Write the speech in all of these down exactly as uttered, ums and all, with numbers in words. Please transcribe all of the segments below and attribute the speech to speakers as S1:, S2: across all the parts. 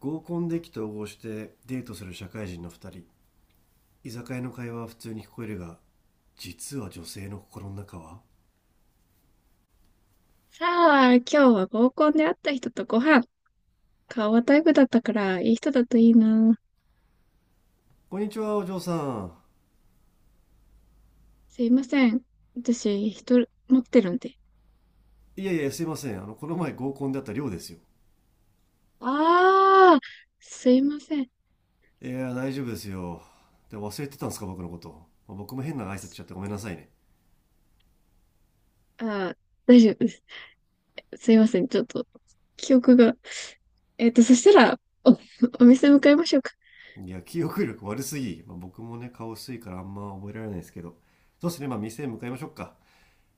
S1: 合コンで意気投合してデートする社会人のふたり。居酒屋の会話は普通に聞こえるが、実は女性の心の中は。
S2: さあ、今日は合コンで会った人とご飯。顔はタイプだったから、いい人だといいな。
S1: こんにちは、お嬢さん。
S2: すいません。私、人持ってるんで。
S1: いやいや、すいません。あのこの前合コンで会った寮ですよ。
S2: ああ、すいません。
S1: いや、大丈夫ですよ。で、忘れてたんですか、僕のこと。まあ、僕も変な挨拶しちゃってごめんなさいね。
S2: ああ、大丈夫です。すいません。ちょっと、記憶が。えっと、そしたら、お、お店向かいましょうか。
S1: いや、記憶力悪すぎ。まあ、僕もね、顔薄いからあんま覚えられないですけど。そうですね。まあ、店へ向かいましょうか。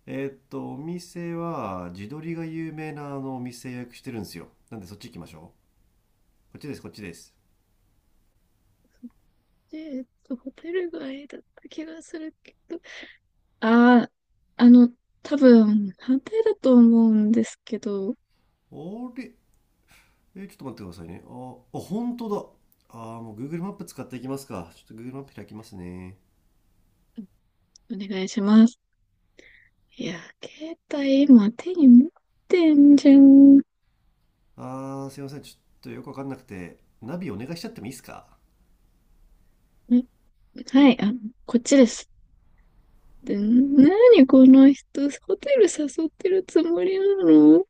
S1: えーっとお店は地鶏が有名なあのお店予約してるんですよ。なんで、そっち行きましょう。こっちです、こっちです。
S2: えっと、ホテル街だった気がするけど。ああ、あの、多分、反対だと思うんですけど、お
S1: あれ？え、ちょっと待ってくださいね。ああ、本当だ。あーもう Google マップ使っていきますか。ちょっと Google マップ開きますね。
S2: 願いします。いや、携帯今手に持ってんじゃん。
S1: あーすいません。ちょっとよくわかんなくて、ナビお願いしちゃってもいいですか？
S2: えはい、あ、こっちです。で、なにこの人、ホテル誘ってるつもりなの？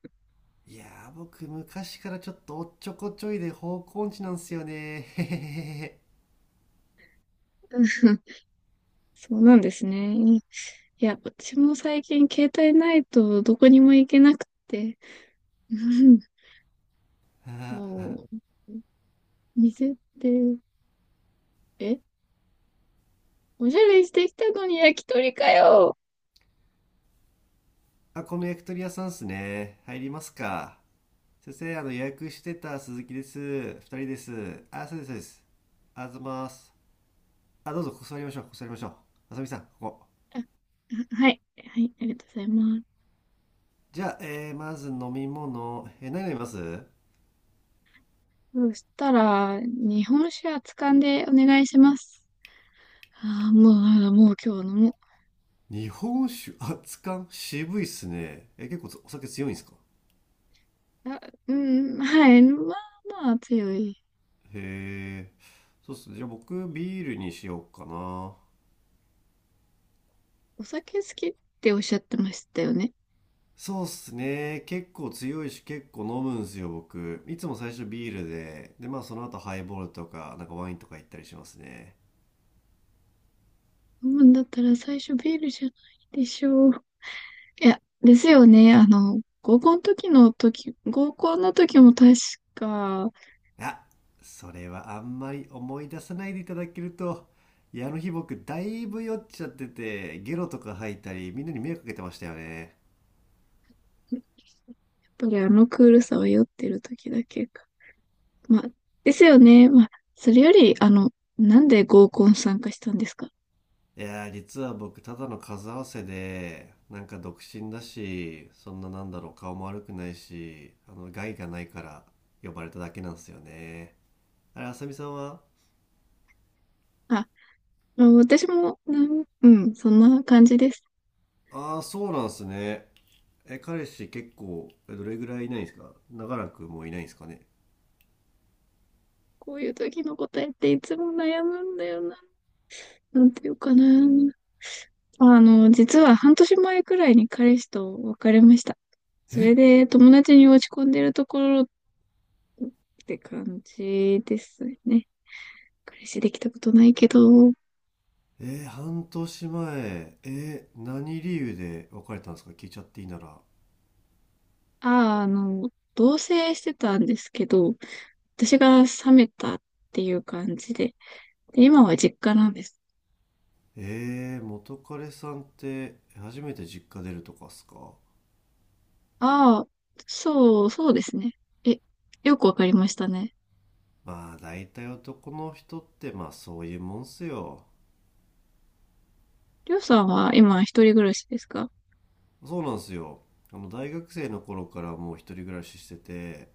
S1: いやー、僕昔からちょっとおっちょこちょいで方向音痴なんすよね。へへへへ。
S2: そうなんですね。いや、私も最近携帯ないとどこにも行けなくて、うん、
S1: あ、
S2: もう、店って、え、おしゃれしてきたのに焼き鳥かよ。
S1: この焼き鳥屋さんっすね。入りますか？先生、あの予約してた鈴木です。ふたりです。あ、そうですそうです。あざます。あ、どうぞ。ここ座りましょう、ここ座りましょう。あさみさん、ここ。
S2: あ、はい、はい、ありがとうございます。
S1: じゃあ、えーまず飲み物、えー何飲みます？
S2: そしたら、日本酒はつかんでお願いします。ああ、もう、あ、もう今日飲も
S1: 日本酒、熱燗、渋いっすね。えー結構お酒強いんですか？
S2: う。あ、うん、はい。まあまあ強い。
S1: へえ、そうっすね。じゃあ、僕ビールにしようかな。
S2: お酒好きっておっしゃってましたよね。
S1: そうっすね。結構強いし、結構飲むんすよ、僕。いつも最初ビールで、で、まあ、その後ハイボールとか、なんかワインとか行ったりしますね。
S2: 飲むんだったら最初ビールじゃないでしょう。いや、ですよね。あの、合コンの時の時、合コンの時も確か、
S1: あ、それはあんまり思い出さないでいただけると、いや、あの日僕、だいぶ酔っちゃってて、ゲロとか吐いたり、みんなに迷惑かけてましたよね。
S2: やっぱりあのクールさは酔ってる時だけか。まあ、ですよね。まあ、それより、あの、なんで合コン参加したんですか？
S1: いやー、実は僕、ただの数合わせで、なんか独身だし、そんななんだろう、顔も悪くないし、あの、害がないから呼ばれただけなんですよね。あれ、あさみさんは？
S2: あ、まあ私も、なん、うん、そんな感じです。
S1: ああー、そうなんすね。え、彼氏結構、えどれぐらいいないんですか？長らくもういないんですかね？
S2: こういう時の答えっていつも悩むんだよな。なんていうかな。あの、実は半年前くらいに彼氏と別れました。それで友達に落ち込んでるところって感じですね。彼氏できたことないけど、あ
S1: えー、半年前、えー、何理由で別れたんですか？聞いちゃっていいなら。
S2: あ、の、同棲してたんですけど、私が冷めたっていう感じで、で今は実家なんです。
S1: えー、元彼さんって初めて実家出るとかっすか？
S2: ああ、そう、そうですね。え、よくわかりましたね。
S1: まあ、大体男の人って、まあ、そういうもんっすよ。
S2: りょうさんは今一人暮らしですか？
S1: そうなんすよ。あの大学生の頃からもう一人暮らししてて、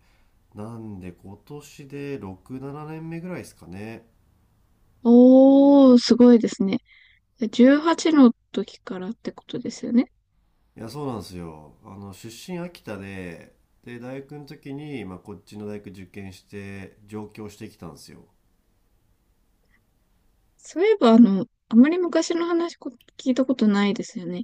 S1: なんで今年でろく、ななねんめぐらいですかね。
S2: おー、すごいですね。じゅうはちの時からってことですよね。
S1: いや、そうなんすよ。あの出身秋田で、で大学の時に、まあ、こっちの大学受験して上京してきたんですよ。
S2: そういえば、あの、あまり昔の話こ聞いたことないですよね。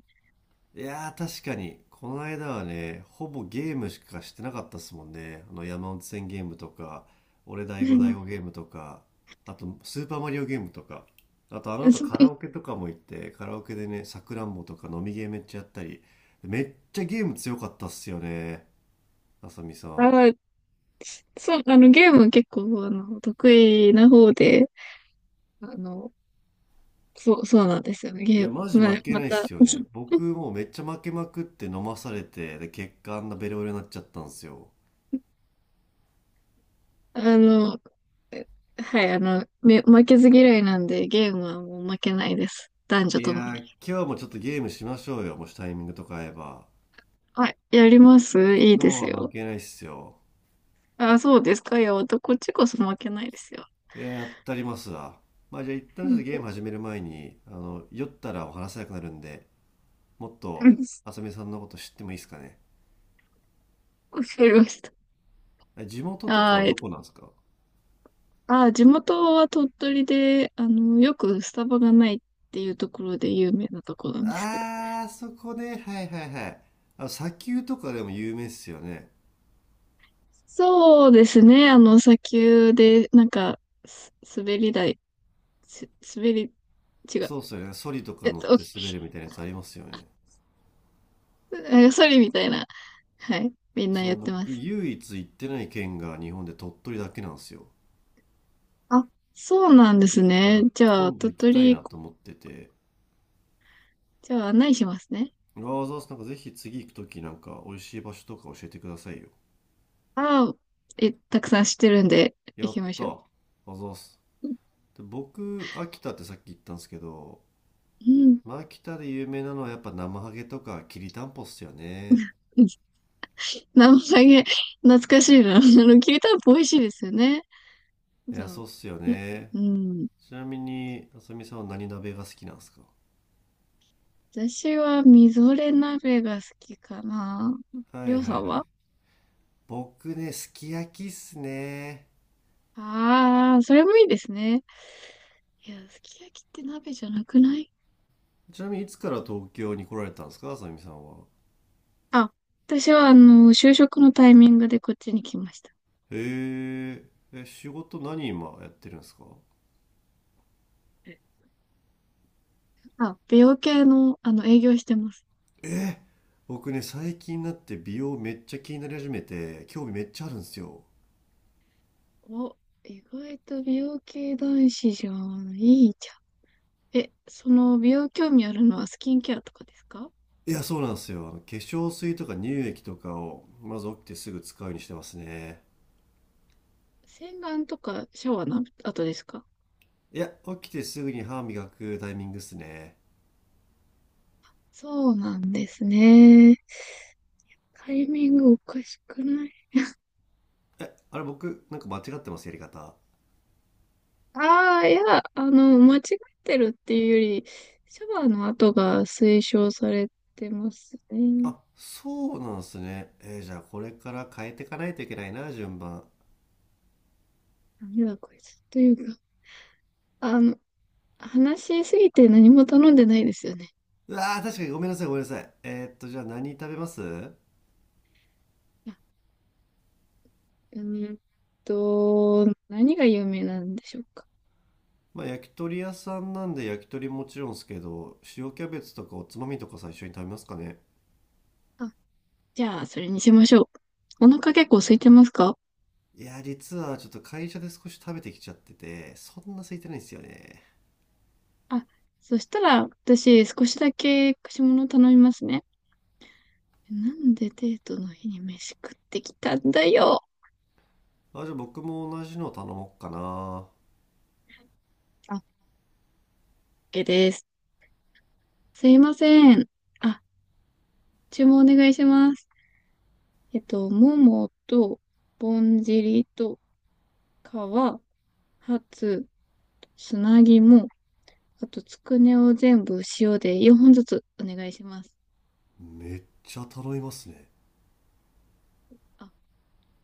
S1: いやー、確かにこの間はね、ほぼゲームしかしてなかったっすもんね。あの山手線ゲームとか、俺第
S2: う
S1: 5第
S2: ん。
S1: 5ゲームとか、あとスーパーマリオゲームとか、あと、あの後
S2: そ
S1: カラ
S2: う、
S1: オケとかも行って、カラオケでね、さくらんぼとか飲みゲーめっちゃやったり、めっちゃゲーム強かったっすよね、あさみさん。
S2: あ、そう、あの、ゲーム結構、あの、得意な方で、あの、そう、そうなんですよね。
S1: い
S2: ゲー
S1: や、マ
S2: ム、
S1: ジ
S2: まあ、
S1: 負け
S2: ま
S1: ないっ
S2: た、
S1: すよね。僕 もうめっちゃ負けまくって飲まされて、で、結果あんなベロベロになっちゃったんすよ。
S2: あの、はい、あの、め、負けず嫌いなんで、ゲームはもう負けないです。男女
S1: い
S2: と
S1: や
S2: もに。
S1: ー、今日もちょっとゲームしましょうよ、もしタイミングとか合えば。
S2: はい、やります、いい
S1: 今
S2: で
S1: 日
S2: す
S1: は負
S2: よ。
S1: けないっすよ。
S2: あ、そうですか。いや、こっちこそ負けないですよ。
S1: いや、やったりますわ。まあ、じゃあ、一
S2: う
S1: 旦ちょっ
S2: ん。
S1: とゲーム始める前に、あの、酔ったらお話せなくなるんで、もっ
S2: う
S1: と、
S2: ん、
S1: あさみさんのこと知ってもいいですかね。
S2: わかりました。
S1: あ、地元とか
S2: あ
S1: は
S2: ー、
S1: どこなんですか？
S2: あ、地元は鳥取で、あの、よくスタバがないっていうところで有名なところなんですけど。
S1: あー、そこね。はいはいはい。あの、砂丘とかでも有名っすよね。
S2: そうですね。あの、砂丘で、なんか、す滑り台、す滑り、違う。
S1: そうっすよね。ソリとか
S2: えっ
S1: 乗っ
S2: と、
S1: て滑 るみたいなやつありますよね。
S2: なんかソリみたいな。はい。みんな
S1: そ
S2: やっ
S1: う、
S2: てま
S1: 僕、
S2: す。
S1: 唯一行ってない県が日本で鳥取だけなんですよ。
S2: あ、そうなんです
S1: だか
S2: ね。
S1: ら、
S2: じゃあ、
S1: 今度
S2: 鳥
S1: 行きたいな
S2: 取、
S1: と思ってて、
S2: じゃあ案内しますね。
S1: わざわざ、なんかぜひ、次行くときなんか美味しい場所とか教えてくださいよ。
S2: ああ、え、たくさん知ってるんで、
S1: や
S2: 行
S1: っ
S2: きまし
S1: た、
S2: ょ
S1: わざわざ
S2: う。
S1: で僕、秋田ってさっき言ったんですけど、
S2: うん。
S1: まあ、秋田で有名なのはやっぱ生ハゲとかきりたんぽっすよね。
S2: 生ハゲ、懐かしいな。あの、きりたんぽ美味しいですよね。
S1: い
S2: そ
S1: や、そ
S2: う。
S1: うっすよ
S2: な、
S1: ね。
S2: うん。
S1: ちなみに、あさみさんは何鍋が好きなんですか？
S2: 私は、みぞれ鍋が好きかな。
S1: は
S2: りょ
S1: い
S2: う
S1: は
S2: さ
S1: い
S2: ん
S1: はい。
S2: は？
S1: 僕ね、すき焼きっすね。
S2: ああー、それもいいですね。いや、すき焼きって鍋じゃなくない？
S1: ちなみに、いつから東京に来られたんですか、あさみさんは。
S2: あ、私は、あの、就職のタイミングでこっちに来ました。
S1: へえ。え、仕事何今やってるんですか？
S2: あ、美容系の、あの、営業してます。
S1: え僕ね、最近になって美容めっちゃ気になり始めて、興味めっちゃあるんですよ。
S2: お、意外と美容系男子じゃん。いいじゃん。え、その美容興味あるのはスキンケアとかですか？
S1: いや、そうなんですよ。あの化粧水とか乳液とかをまず起きてすぐ使うようにしてますね。
S2: 洗顔とかシャワーの後ですか？
S1: いや、起きてすぐに歯磨くタイミングっすね。
S2: そうなんですね。タイミングおかしくない？
S1: えあれ、僕なんか間違ってますやり方？
S2: ああー、いや、あの、間違ってるっていうより、シャワーの後が推奨されてますね。
S1: あ、そうなんすね。えーじゃあ、これから変えていかないといけないな、順番。
S2: ダメだ、こいつ。というか、あの、話しすぎて何も頼んでないですよね。
S1: うわー、確かに。ごめんなさい、ごめんなさい。えーっとじゃあ、何食べます？
S2: うーんと、何が有名なんでしょうか。
S1: まあ、焼き鳥屋さんなんで焼き鳥もちろんですけど、塩キャベツとかおつまみとか最初に食べますかね。
S2: あ、じゃあ、それにしましょう。お腹結構空いてますか？
S1: いや、実はちょっと会社で少し食べてきちゃってて、そんな空いてないんですよね。
S2: あ、そしたら、私、少しだけ串物頼みますね。なんでデートの日に飯食ってきたんだよ。
S1: あ、じゃあ僕も同じの頼もうかな。
S2: あ、オーケー です。すいません。あ、注文お願いします。えっと、ももと、ぼんじりと、皮、ハツ、砂肝、あと、つくねを全部塩でよんほんずつお願いします。
S1: めっちゃ頼みますね。
S2: あ、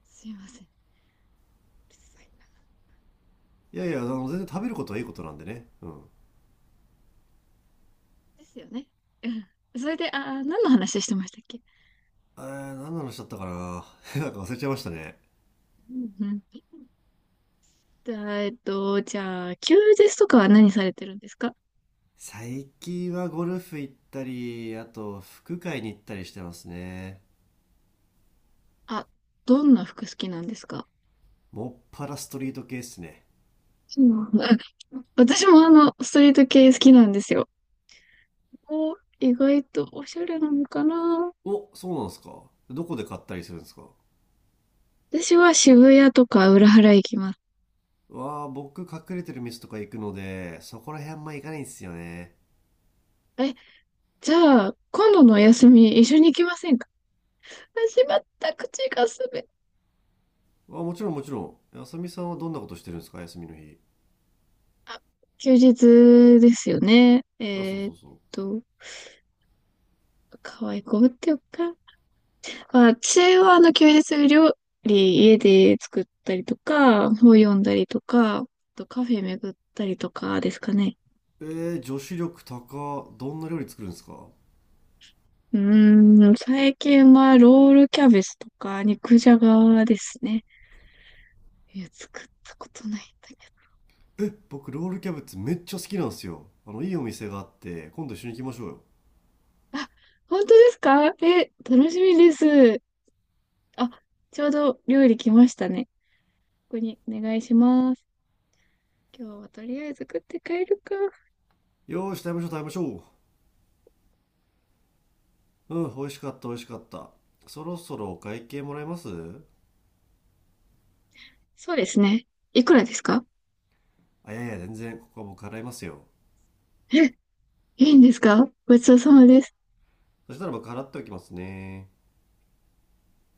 S2: すいません。うるさいな。
S1: いやいや、あの、全然食べることはいいことなんでね。うん。
S2: ですよね。うん。それで、あー、何の話してましたっけ？
S1: えー、何の話だったかな。 なんか忘れちゃいましたね。
S2: うん、うん。じゃあ、えっと、じゃあ、休日とかは何されてるんですか？
S1: 最近はゴルフ行ったり、あと、服会に行ったりしてますね。
S2: あ、どんな服好きなんですか？
S1: もっぱらストリート系っすね。
S2: うん、私もあの、ストリート系好きなんですよ。お、意外とおしゃれなのかな？
S1: お、そうなんですか。どこで買ったりするんですか？
S2: 私は渋谷とか裏原行きます。
S1: わあ、僕隠れてる店とか行くので、そこら辺あんま行かないんですよね。
S2: え、じゃあ、今度のお休み一緒に行きませんか？あ、しまった、口が滑る。
S1: あ、もちろんもちろん。あさみさんはどんなことしてるんですか、休みの日。
S2: 休日ですよね。
S1: あ、そう
S2: えーっ
S1: そうそ
S2: と、可愛い子ぶってよっか。私はあの休日料理家で作ったりとか、本読んだりとか、あとカフェ巡ったりとかですかね。
S1: う。えー、女子力高。どんな料理作るんですか？
S2: うーん、最近はロールキャベツとか肉じゃがですね。いや、作ったことないんだけ
S1: え、僕ロールキャベツめっちゃ好きなんですよ。あの、いいお店があって、今度一緒に行きましょうよ。
S2: ど。あ、本当ですか？え、楽しみです。あ、ちょうど料理来ましたね。ここにお願いします。今日はとりあえず食って帰るか。
S1: よーし、食べましょう食べましょう。うん、美味しかった美味しかった。そろそろお会計もらえます？
S2: そうですね。いくらですか？
S1: あ、いやいや、全然、ここは僕払いますよ。
S2: え、いいんですか？ごちそうさまです。
S1: そしたら僕払っておきますね。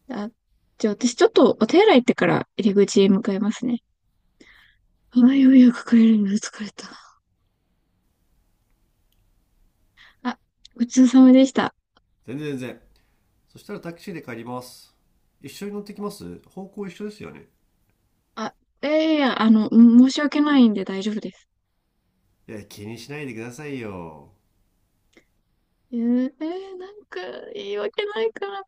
S2: あ、じゃあ私ちょっとお手洗い行ってから入り口へ向かいますね。あ、ようやく帰れるの疲れた。あ、ごちそうさまでした。
S1: 全然全然。そしたらタクシーで帰ります。一緒に乗ってきます？方向一緒ですよね。
S2: あ、いやいや、あの、申し訳ないんで大丈夫です。
S1: いや、気にしないでくださいよ。
S2: えー、えーなんか言い訳ないから。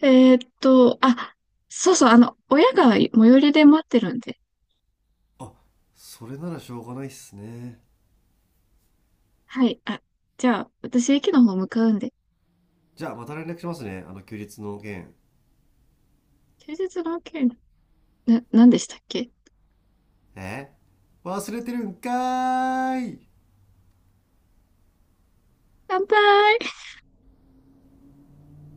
S2: えーっと、あ、そうそう、あの、親が最寄りで待ってるんで。
S1: あ、それならしょうがないっすね。
S2: はい、あ、じゃあ私駅の方向かうんで。
S1: じゃあ、また連絡しますね。あの、休日の件。
S2: 休日の件、な、何でしたっけ？
S1: え、忘れてるんかーい。
S2: 乾杯